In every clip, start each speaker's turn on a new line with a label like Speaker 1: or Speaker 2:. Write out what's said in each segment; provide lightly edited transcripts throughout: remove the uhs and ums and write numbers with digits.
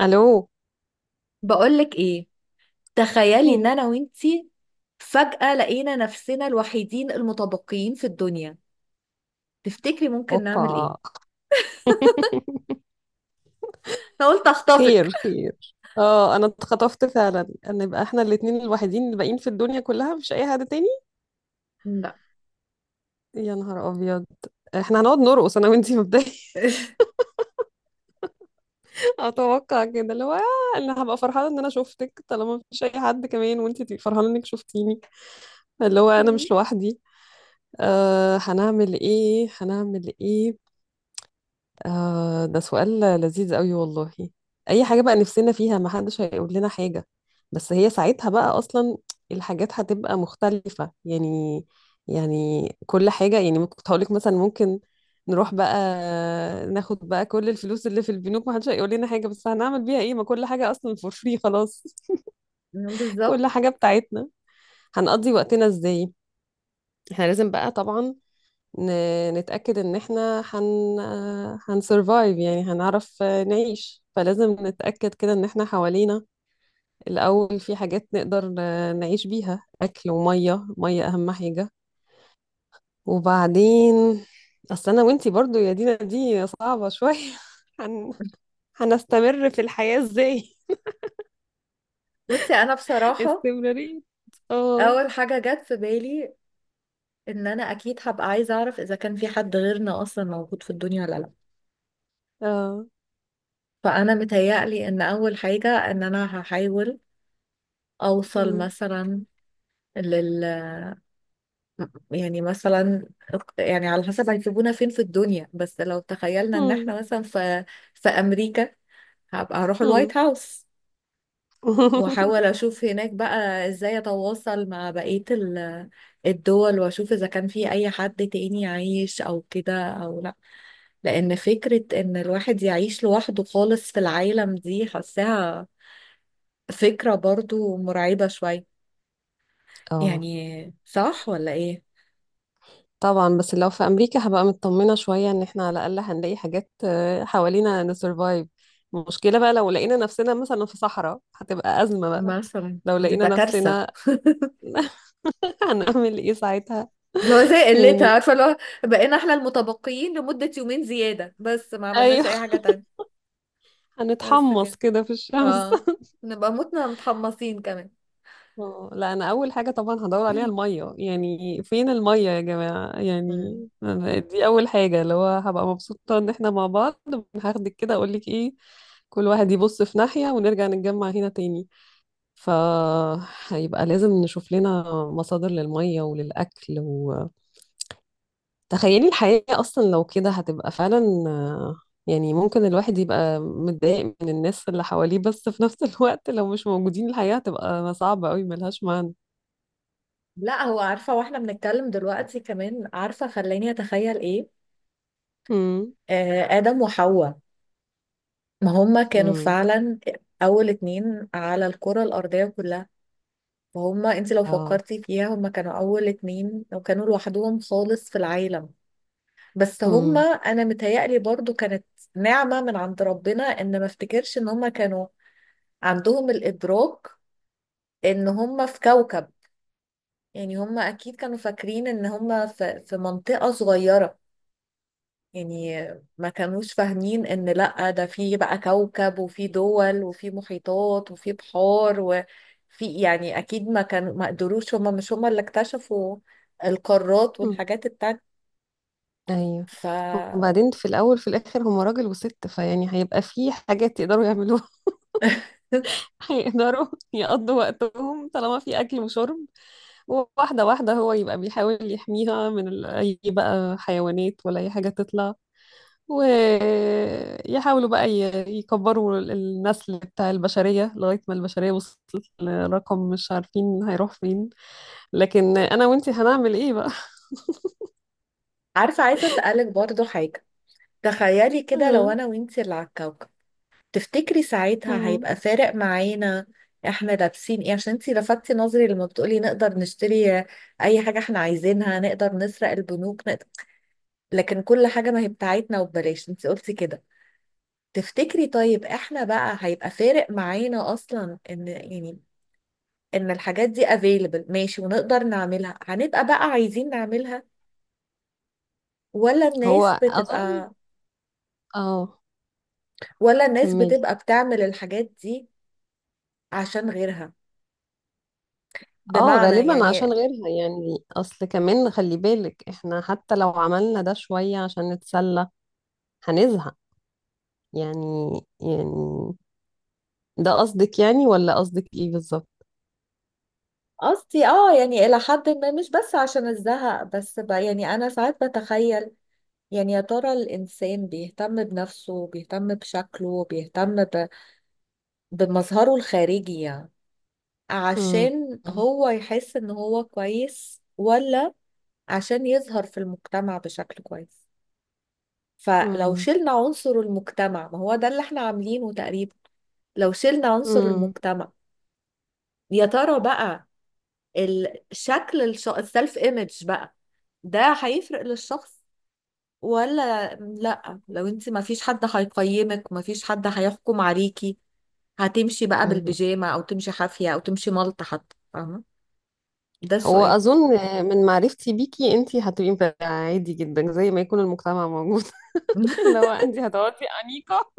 Speaker 1: الو.
Speaker 2: بقولك ايه؟ تخيلي ان
Speaker 1: مم.
Speaker 2: انا وانتي فجأة لقينا نفسنا الوحيدين المتبقيين في الدنيا، تفتكري ممكن
Speaker 1: اوبا.
Speaker 2: نعمل ايه؟ انا قلت اخطفك.
Speaker 1: خير خير. اه، انا اتخطفت فعلا ان يبقى احنا الاتنين الوحيدين الباقيين في الدنيا كلها، مش اي حد تاني.
Speaker 2: لا.
Speaker 1: يا نهار ابيض. احنا هنقعد نرقص انا وانتي مبدئيا. اتوقع كده اللي هو انا هبقى فرحانه ان انا شفتك طالما مفيش اي حد كمان، وانتي تبقي فرحانه انك شفتيني. اللي هو انا مش لوحدي. هنعمل ايه؟ هنعمل ايه؟ آه، ده سؤال لذيذ قوي والله. اي حاجة بقى نفسنا فيها ما حدش هيقول لنا حاجة. بس هي ساعتها بقى اصلا الحاجات هتبقى مختلفة يعني. يعني كل حاجة، يعني كنت هقولك مثلا ممكن نروح بقى، ناخد بقى كل الفلوس اللي في البنوك، ما حدش هيقول لنا حاجة. بس هنعمل بيها ايه؟ ما كل حاجة اصلا فور فري خلاص.
Speaker 2: بالظبط.
Speaker 1: كل حاجة بتاعتنا. هنقضي وقتنا ازاي؟ احنا لازم بقى طبعا نتأكد إن إحنا هنسرفايف، يعني هنعرف نعيش. فلازم نتأكد كده إن إحنا حوالينا الأول في حاجات نقدر نعيش بيها، أكل ومية. مية أهم حاجة. وبعدين أصل أنا وإنتي برضو يا دينا دي صعبة شوية. هن... هنستمر في الحياة إزاي؟
Speaker 2: بصي، انا بصراحة
Speaker 1: استمرارية. اه.
Speaker 2: اول حاجة جت في بالي ان انا اكيد هبقى عايزة اعرف اذا كان في حد غيرنا اصلا موجود في الدنيا ولا لا.
Speaker 1: اه.
Speaker 2: فانا متهيألي ان اول حاجة ان انا هحاول اوصل
Speaker 1: مم.
Speaker 2: مثلا لل يعني مثلا، يعني على حسب هيسيبونا فين في الدنيا، بس لو تخيلنا ان
Speaker 1: مم.
Speaker 2: احنا مثلا في في امريكا، هبقى هروح
Speaker 1: مم.
Speaker 2: الوايت هاوس واحاول اشوف هناك بقى ازاي اتواصل مع بقية الدول، واشوف اذا كان في اي حد تاني عايش او كده او لا. لان فكرة ان الواحد يعيش لوحده خالص في العالم دي، حاساها فكرة برضو مرعبة شوية.
Speaker 1: اه
Speaker 2: يعني صح ولا ايه؟
Speaker 1: طبعا، بس لو في امريكا هبقى مطمنه شويه ان احنا على الاقل هنلاقي حاجات حوالينا نسرفايف. المشكله بقى لو لقينا نفسنا مثلا في صحراء هتبقى ازمه بقى.
Speaker 2: مثلا
Speaker 1: لو
Speaker 2: دي
Speaker 1: لقينا
Speaker 2: بقى كارثة.
Speaker 1: نفسنا... هنعمل ايه ساعتها
Speaker 2: اللي هو زي قلتها،
Speaker 1: يعني؟
Speaker 2: عارفه اللي هو بقينا احنا المتبقيين لمده يومين زياده بس ما عملناش
Speaker 1: ايوه.
Speaker 2: اي حاجه تانية. بس
Speaker 1: هنتحمص
Speaker 2: كده.
Speaker 1: كده في الشمس.
Speaker 2: اه، نبقى متنا متحمصين كمان.
Speaker 1: لا انا اول حاجه طبعا هدور عليها الميه. يعني فين الميه يا جماعه؟ يعني
Speaker 2: مم.
Speaker 1: أنا دي اول حاجه اللي هو هبقى مبسوطه ان احنا مع بعض. هاخدك كده اقول لك ايه، كل واحد يبص في ناحيه ونرجع نتجمع هنا تاني. فهيبقى لازم نشوف لنا مصادر للمية وللأكل. وتخيلي الحياة أصلا لو كده هتبقى فعلا، آه، يعني ممكن الواحد يبقى متضايق من الناس اللي حواليه، بس في نفس الوقت لو مش موجودين الحياة هتبقى صعبة أوي، ملهاش معنى.
Speaker 2: لا، هو عارفه واحنا بنتكلم دلوقتي كمان، عارفه خلاني اتخيل ايه؟
Speaker 1: امم.
Speaker 2: آه، ادم وحواء. ما هما كانوا
Speaker 1: امم.
Speaker 2: فعلا اول اتنين على الكره الارضيه كلها. وهما، انت لو
Speaker 1: اه.
Speaker 2: فكرتي فيها، هما كانوا اول اتنين وكانوا لوحدهم خالص في العالم. بس هما
Speaker 1: امم.
Speaker 2: انا متهيألي برضو كانت نعمة من عند ربنا ان ما افتكرش ان هما كانوا عندهم الادراك ان هما في كوكب. يعني هما اكيد كانوا فاكرين ان هما في منطقة صغيرة. يعني ما كانوش فاهمين ان لا، ده في بقى كوكب وفي دول وفي محيطات وفي بحار وفي، يعني اكيد ما كانوا، ما قدروش، هما مش هما اللي اكتشفوا القارات
Speaker 1: أمم.
Speaker 2: والحاجات التانية.
Speaker 1: ايوه.
Speaker 2: ف
Speaker 1: وبعدين في الاول في الاخر هما راجل وست، فيعني هيبقى في حاجات يقدروا يعملوها. هيقدروا يقضوا وقتهم طالما في اكل وشرب. واحدة واحدة، هو يبقى بيحاول يحميها من أي بقى حيوانات ولا أي حاجة تطلع. ويحاولوا بقى يكبروا النسل بتاع البشرية لغاية ما البشرية وصلت لرقم مش عارفين هيروح فين. لكن أنا وإنتي هنعمل إيه بقى؟
Speaker 2: عارفة، عايزة اسألك برضو حاجة. تخيلي كده لو
Speaker 1: آه.
Speaker 2: انا وانتي اللي على الكوكب، تفتكري ساعتها
Speaker 1: مم.
Speaker 2: هيبقى فارق معانا احنا لابسين ايه؟ عشان انتي لفتي نظري لما بتقولي نقدر نشتري اي حاجة احنا عايزينها، نقدر نسرق البنوك، نقدر. لكن كل حاجة ما هي بتاعتنا وببلاش، انتي قلتي كده. تفتكري طيب احنا بقى هيبقى فارق معانا اصلا ان يعني ان الحاجات دي available ماشي، ونقدر نعملها هنبقى بقى عايزين نعملها، ولا الناس
Speaker 1: هو أظن...
Speaker 2: بتبقى،
Speaker 1: آه
Speaker 2: ولا الناس
Speaker 1: كملي.
Speaker 2: بتبقى بتعمل الحاجات دي عشان غيرها؟
Speaker 1: اه،
Speaker 2: بمعنى
Speaker 1: غالبا عشان
Speaker 2: يعني،
Speaker 1: غيرها. يعني اصل كمان خلي بالك احنا حتى لو عملنا ده شوية عشان نتسلى هنزهق، يعني، يعني ده قصدك يعني؟ ولا قصدك ايه بالظبط؟
Speaker 2: قصدي اه يعني الى حد ما، مش بس عشان الزهق، بس ب يعني انا ساعات بتخيل يعني يا ترى الانسان بيهتم بنفسه، بيهتم بشكله، بيهتم ب، بمظهره الخارجي يعني،
Speaker 1: مم.
Speaker 2: عشان هو يحس ان هو كويس، ولا عشان يظهر في المجتمع بشكل كويس؟ فلو
Speaker 1: مم.
Speaker 2: شلنا عنصر المجتمع، ما هو ده اللي احنا عاملينه تقريبا. لو شلنا عنصر
Speaker 1: مم.
Speaker 2: المجتمع، يا ترى بقى الشكل، الش، السلف ايمج بقى، ده هيفرق للشخص ولا لا؟ لو انت ما فيش حد هيقيمك، ما فيش حد هيحكم عليكي، هتمشي بقى
Speaker 1: مم.
Speaker 2: بالبيجامه او تمشي حافيه او تمشي ملط حتى، فاهمه؟ ده
Speaker 1: هو
Speaker 2: السؤال.
Speaker 1: اظن من معرفتي بيكي انتي هتبقي مفرقة عادي جدا زي ما يكون المجتمع موجود. اللي هو انتي هتقعدي انيقه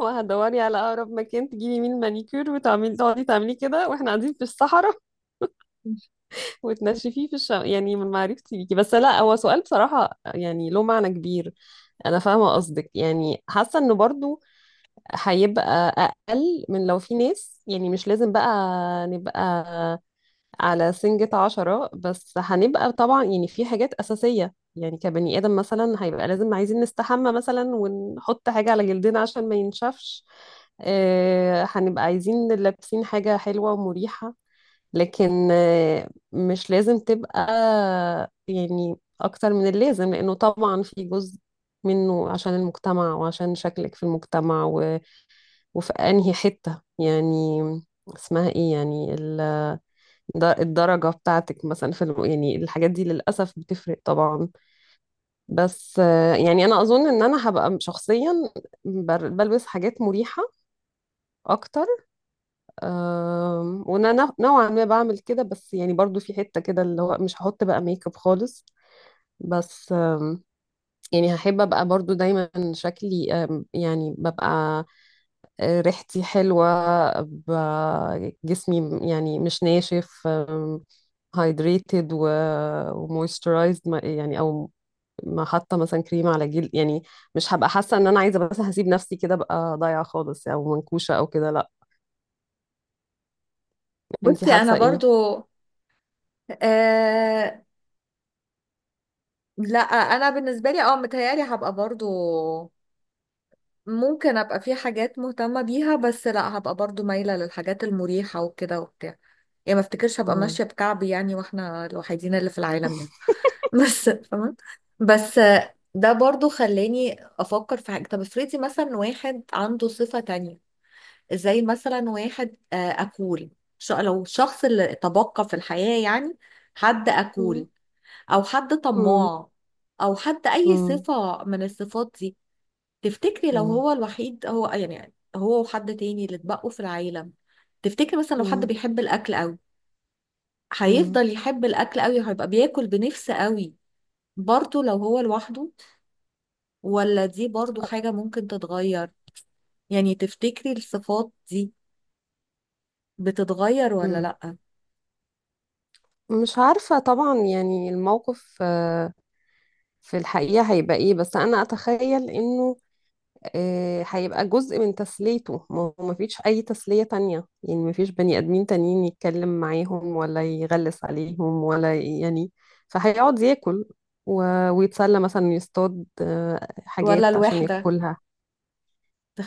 Speaker 1: وهتدوري على اقرب مكان تجيبي مين مانيكير، وتعملي تقعدي تعملي كده واحنا قاعدين في الصحراء. وتنشفيه في الشم، يعني من معرفتي بيكي. بس لا، هو سؤال بصراحه يعني له معنى كبير. انا فاهمه قصدك، يعني حاسه انه برضو هيبقى أقل من لو في ناس، يعني مش لازم بقى نبقى على سنجة عشرة. بس هنبقى طبعا يعني في حاجات أساسية، يعني كبني آدم مثلا هيبقى لازم عايزين نستحمى مثلا، ونحط حاجة على جلدنا عشان ما ينشفش. هنبقى عايزين لابسين حاجة حلوة ومريحة. لكن مش لازم تبقى يعني أكتر من اللازم، لأنه طبعا في جزء منه عشان المجتمع وعشان شكلك في المجتمع، وفي انهي حتة يعني اسمها ايه يعني الدرجة بتاعتك مثلا في يعني الحاجات دي للأسف بتفرق طبعا. بس يعني أنا أظن إن أنا هبقى شخصيا بلبس حاجات مريحة أكتر. وأنا نوعا ما بعمل كده، بس يعني برضو في حتة كده اللي هو مش هحط بقى ميك اب خالص. بس يعني هحب أبقى برضو دايما شكلي يعني ببقى ريحتي حلوة، جسمي يعني مش ناشف، هايدريتد ومويسترايزد يعني، او ما حاطه مثلا كريم على جلد. يعني مش هبقى حاسه ان انا عايزه، بس هسيب نفسي كده بقى ضايعه خالص او منكوشه او كده، لا. انتي
Speaker 2: بصي انا
Speaker 1: حاسه ايه؟
Speaker 2: برضو آه، لا انا بالنسبه لي اه متهيالي هبقى برضو ممكن ابقى في حاجات مهتمة بيها، بس لا، هبقى برضو مايلة للحاجات المريحة وكده وبتاع. يعني ما افتكرش هبقى
Speaker 1: مم.
Speaker 2: ماشية بكعبي يعني واحنا الوحيدين اللي في العالم يعني. بس فاهمة. بس ده برضو خلاني افكر في حاجة. طب افرضي مثلا واحد عنده صفة تانية، زي مثلا واحد آه، اكول. لو الشخص اللي تبقى في الحياة يعني حد
Speaker 1: مم.
Speaker 2: اكول، او حد
Speaker 1: مم.
Speaker 2: طماع، او حد اي
Speaker 1: مم.
Speaker 2: صفة من الصفات دي، تفتكري لو
Speaker 1: مم.
Speaker 2: هو الوحيد، هو يعني هو وحد تاني اللي اتبقوا في العالم، تفتكري مثلا لو حد
Speaker 1: مم.
Speaker 2: بيحب الاكل قوي،
Speaker 1: مم.
Speaker 2: هيفضل يحب الاكل قوي، هيبقى بياكل بنفسه قوي برضه لو هو لوحده؟ ولا دي برضه حاجة ممكن تتغير؟ يعني تفتكري الصفات دي بتتغير ولا
Speaker 1: مم.
Speaker 2: لأ؟
Speaker 1: مش عارفة طبعا يعني الموقف في الحقيقة هيبقى ايه، بس انا اتخيل انه هيبقى جزء من تسليته، ما هو مفيش أي تسلية تانية. يعني مفيش بني آدمين تانيين يتكلم معاهم ولا يغلس عليهم ولا يعني فهيقعد ياكل ويتسلى مثلا يصطاد
Speaker 2: ولا
Speaker 1: حاجات عشان
Speaker 2: الوحدة
Speaker 1: ياكلها.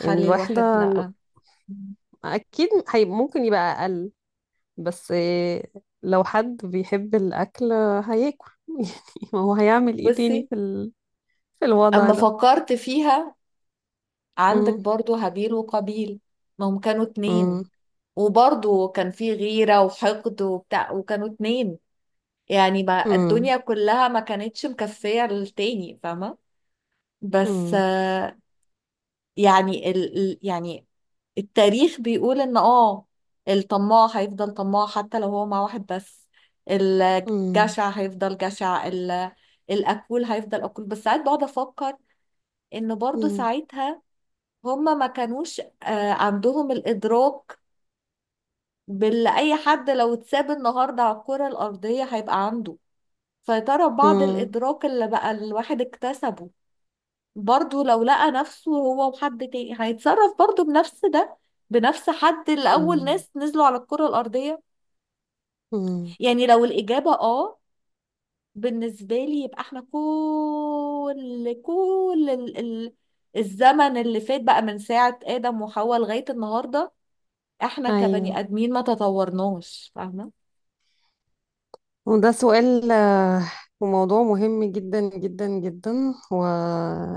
Speaker 1: يعني
Speaker 2: الواحد
Speaker 1: الواحدة
Speaker 2: لأ؟
Speaker 1: أكيد هي ممكن يبقى أقل. بس لو حد بيحب الأكل هياكل. يعني ما هو هيعمل إيه تاني
Speaker 2: بصي،
Speaker 1: في في الوضع
Speaker 2: اما
Speaker 1: ده؟
Speaker 2: فكرت فيها، عندك
Speaker 1: مم.
Speaker 2: برضو هابيل وقابيل. ما هم كانوا
Speaker 1: مم.
Speaker 2: اتنين وبرضو كان في غيرة وحقد وبتاع، وكانوا اتنين. يعني ما
Speaker 1: مم.
Speaker 2: الدنيا كلها ما كانتش مكفية للتاني، فاهمة؟ بس
Speaker 1: مم.
Speaker 2: آه، يعني يعني التاريخ بيقول ان اه الطماع هيفضل طماع حتى لو هو مع واحد بس،
Speaker 1: مم.
Speaker 2: الجشع هيفضل جشع، الأكول هيفضل أكول. بس ساعات بقعد أفكر إن برضو
Speaker 1: مم.
Speaker 2: ساعتها هما ما كانوش آه، عندهم الإدراك باللي أي حد لو اتساب النهاردة على الكرة الأرضية هيبقى عنده. فترى بعض
Speaker 1: مم.
Speaker 2: الإدراك اللي بقى الواحد اكتسبه، برضه لو لقى نفسه هو وحد تاني، هيتصرف برضه بنفس ده، بنفس حد اللي أول
Speaker 1: مم.
Speaker 2: ناس نزلوا على الكرة الأرضية.
Speaker 1: مم.
Speaker 2: يعني لو الإجابة آه، بالنسبة لي، يبقى احنا كل الزمن اللي فات بقى من ساعة آدم وحواء لغاية النهاردة، احنا
Speaker 1: ايوه.
Speaker 2: كبني ادمين ما تطورناش، فاهمه؟
Speaker 1: وده سؤال وموضوع مهم جدا جدا جدا و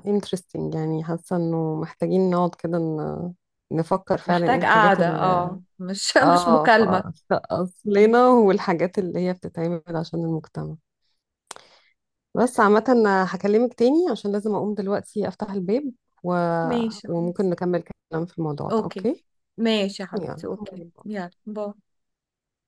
Speaker 1: interesting. يعني حاسه انه محتاجين نقعد كده نفكر فعلا ايه
Speaker 2: محتاج
Speaker 1: الحاجات
Speaker 2: قعده
Speaker 1: اللي
Speaker 2: اه، مش مش
Speaker 1: اه في
Speaker 2: مكالمه.
Speaker 1: في
Speaker 2: مم.
Speaker 1: اصلنا، والحاجات اللي هي بتتعمل عشان المجتمع. بس عامه أنا هكلمك تاني عشان لازم اقوم دلوقتي افتح الباب، و...
Speaker 2: ماشي،
Speaker 1: وممكن
Speaker 2: خلاص.
Speaker 1: نكمل كلام في الموضوع ده.
Speaker 2: اوكي،
Speaker 1: اوكي.
Speaker 2: ماشي يا حبيبتي.
Speaker 1: يلا
Speaker 2: اوكي
Speaker 1: باي باي.
Speaker 2: يلا باي.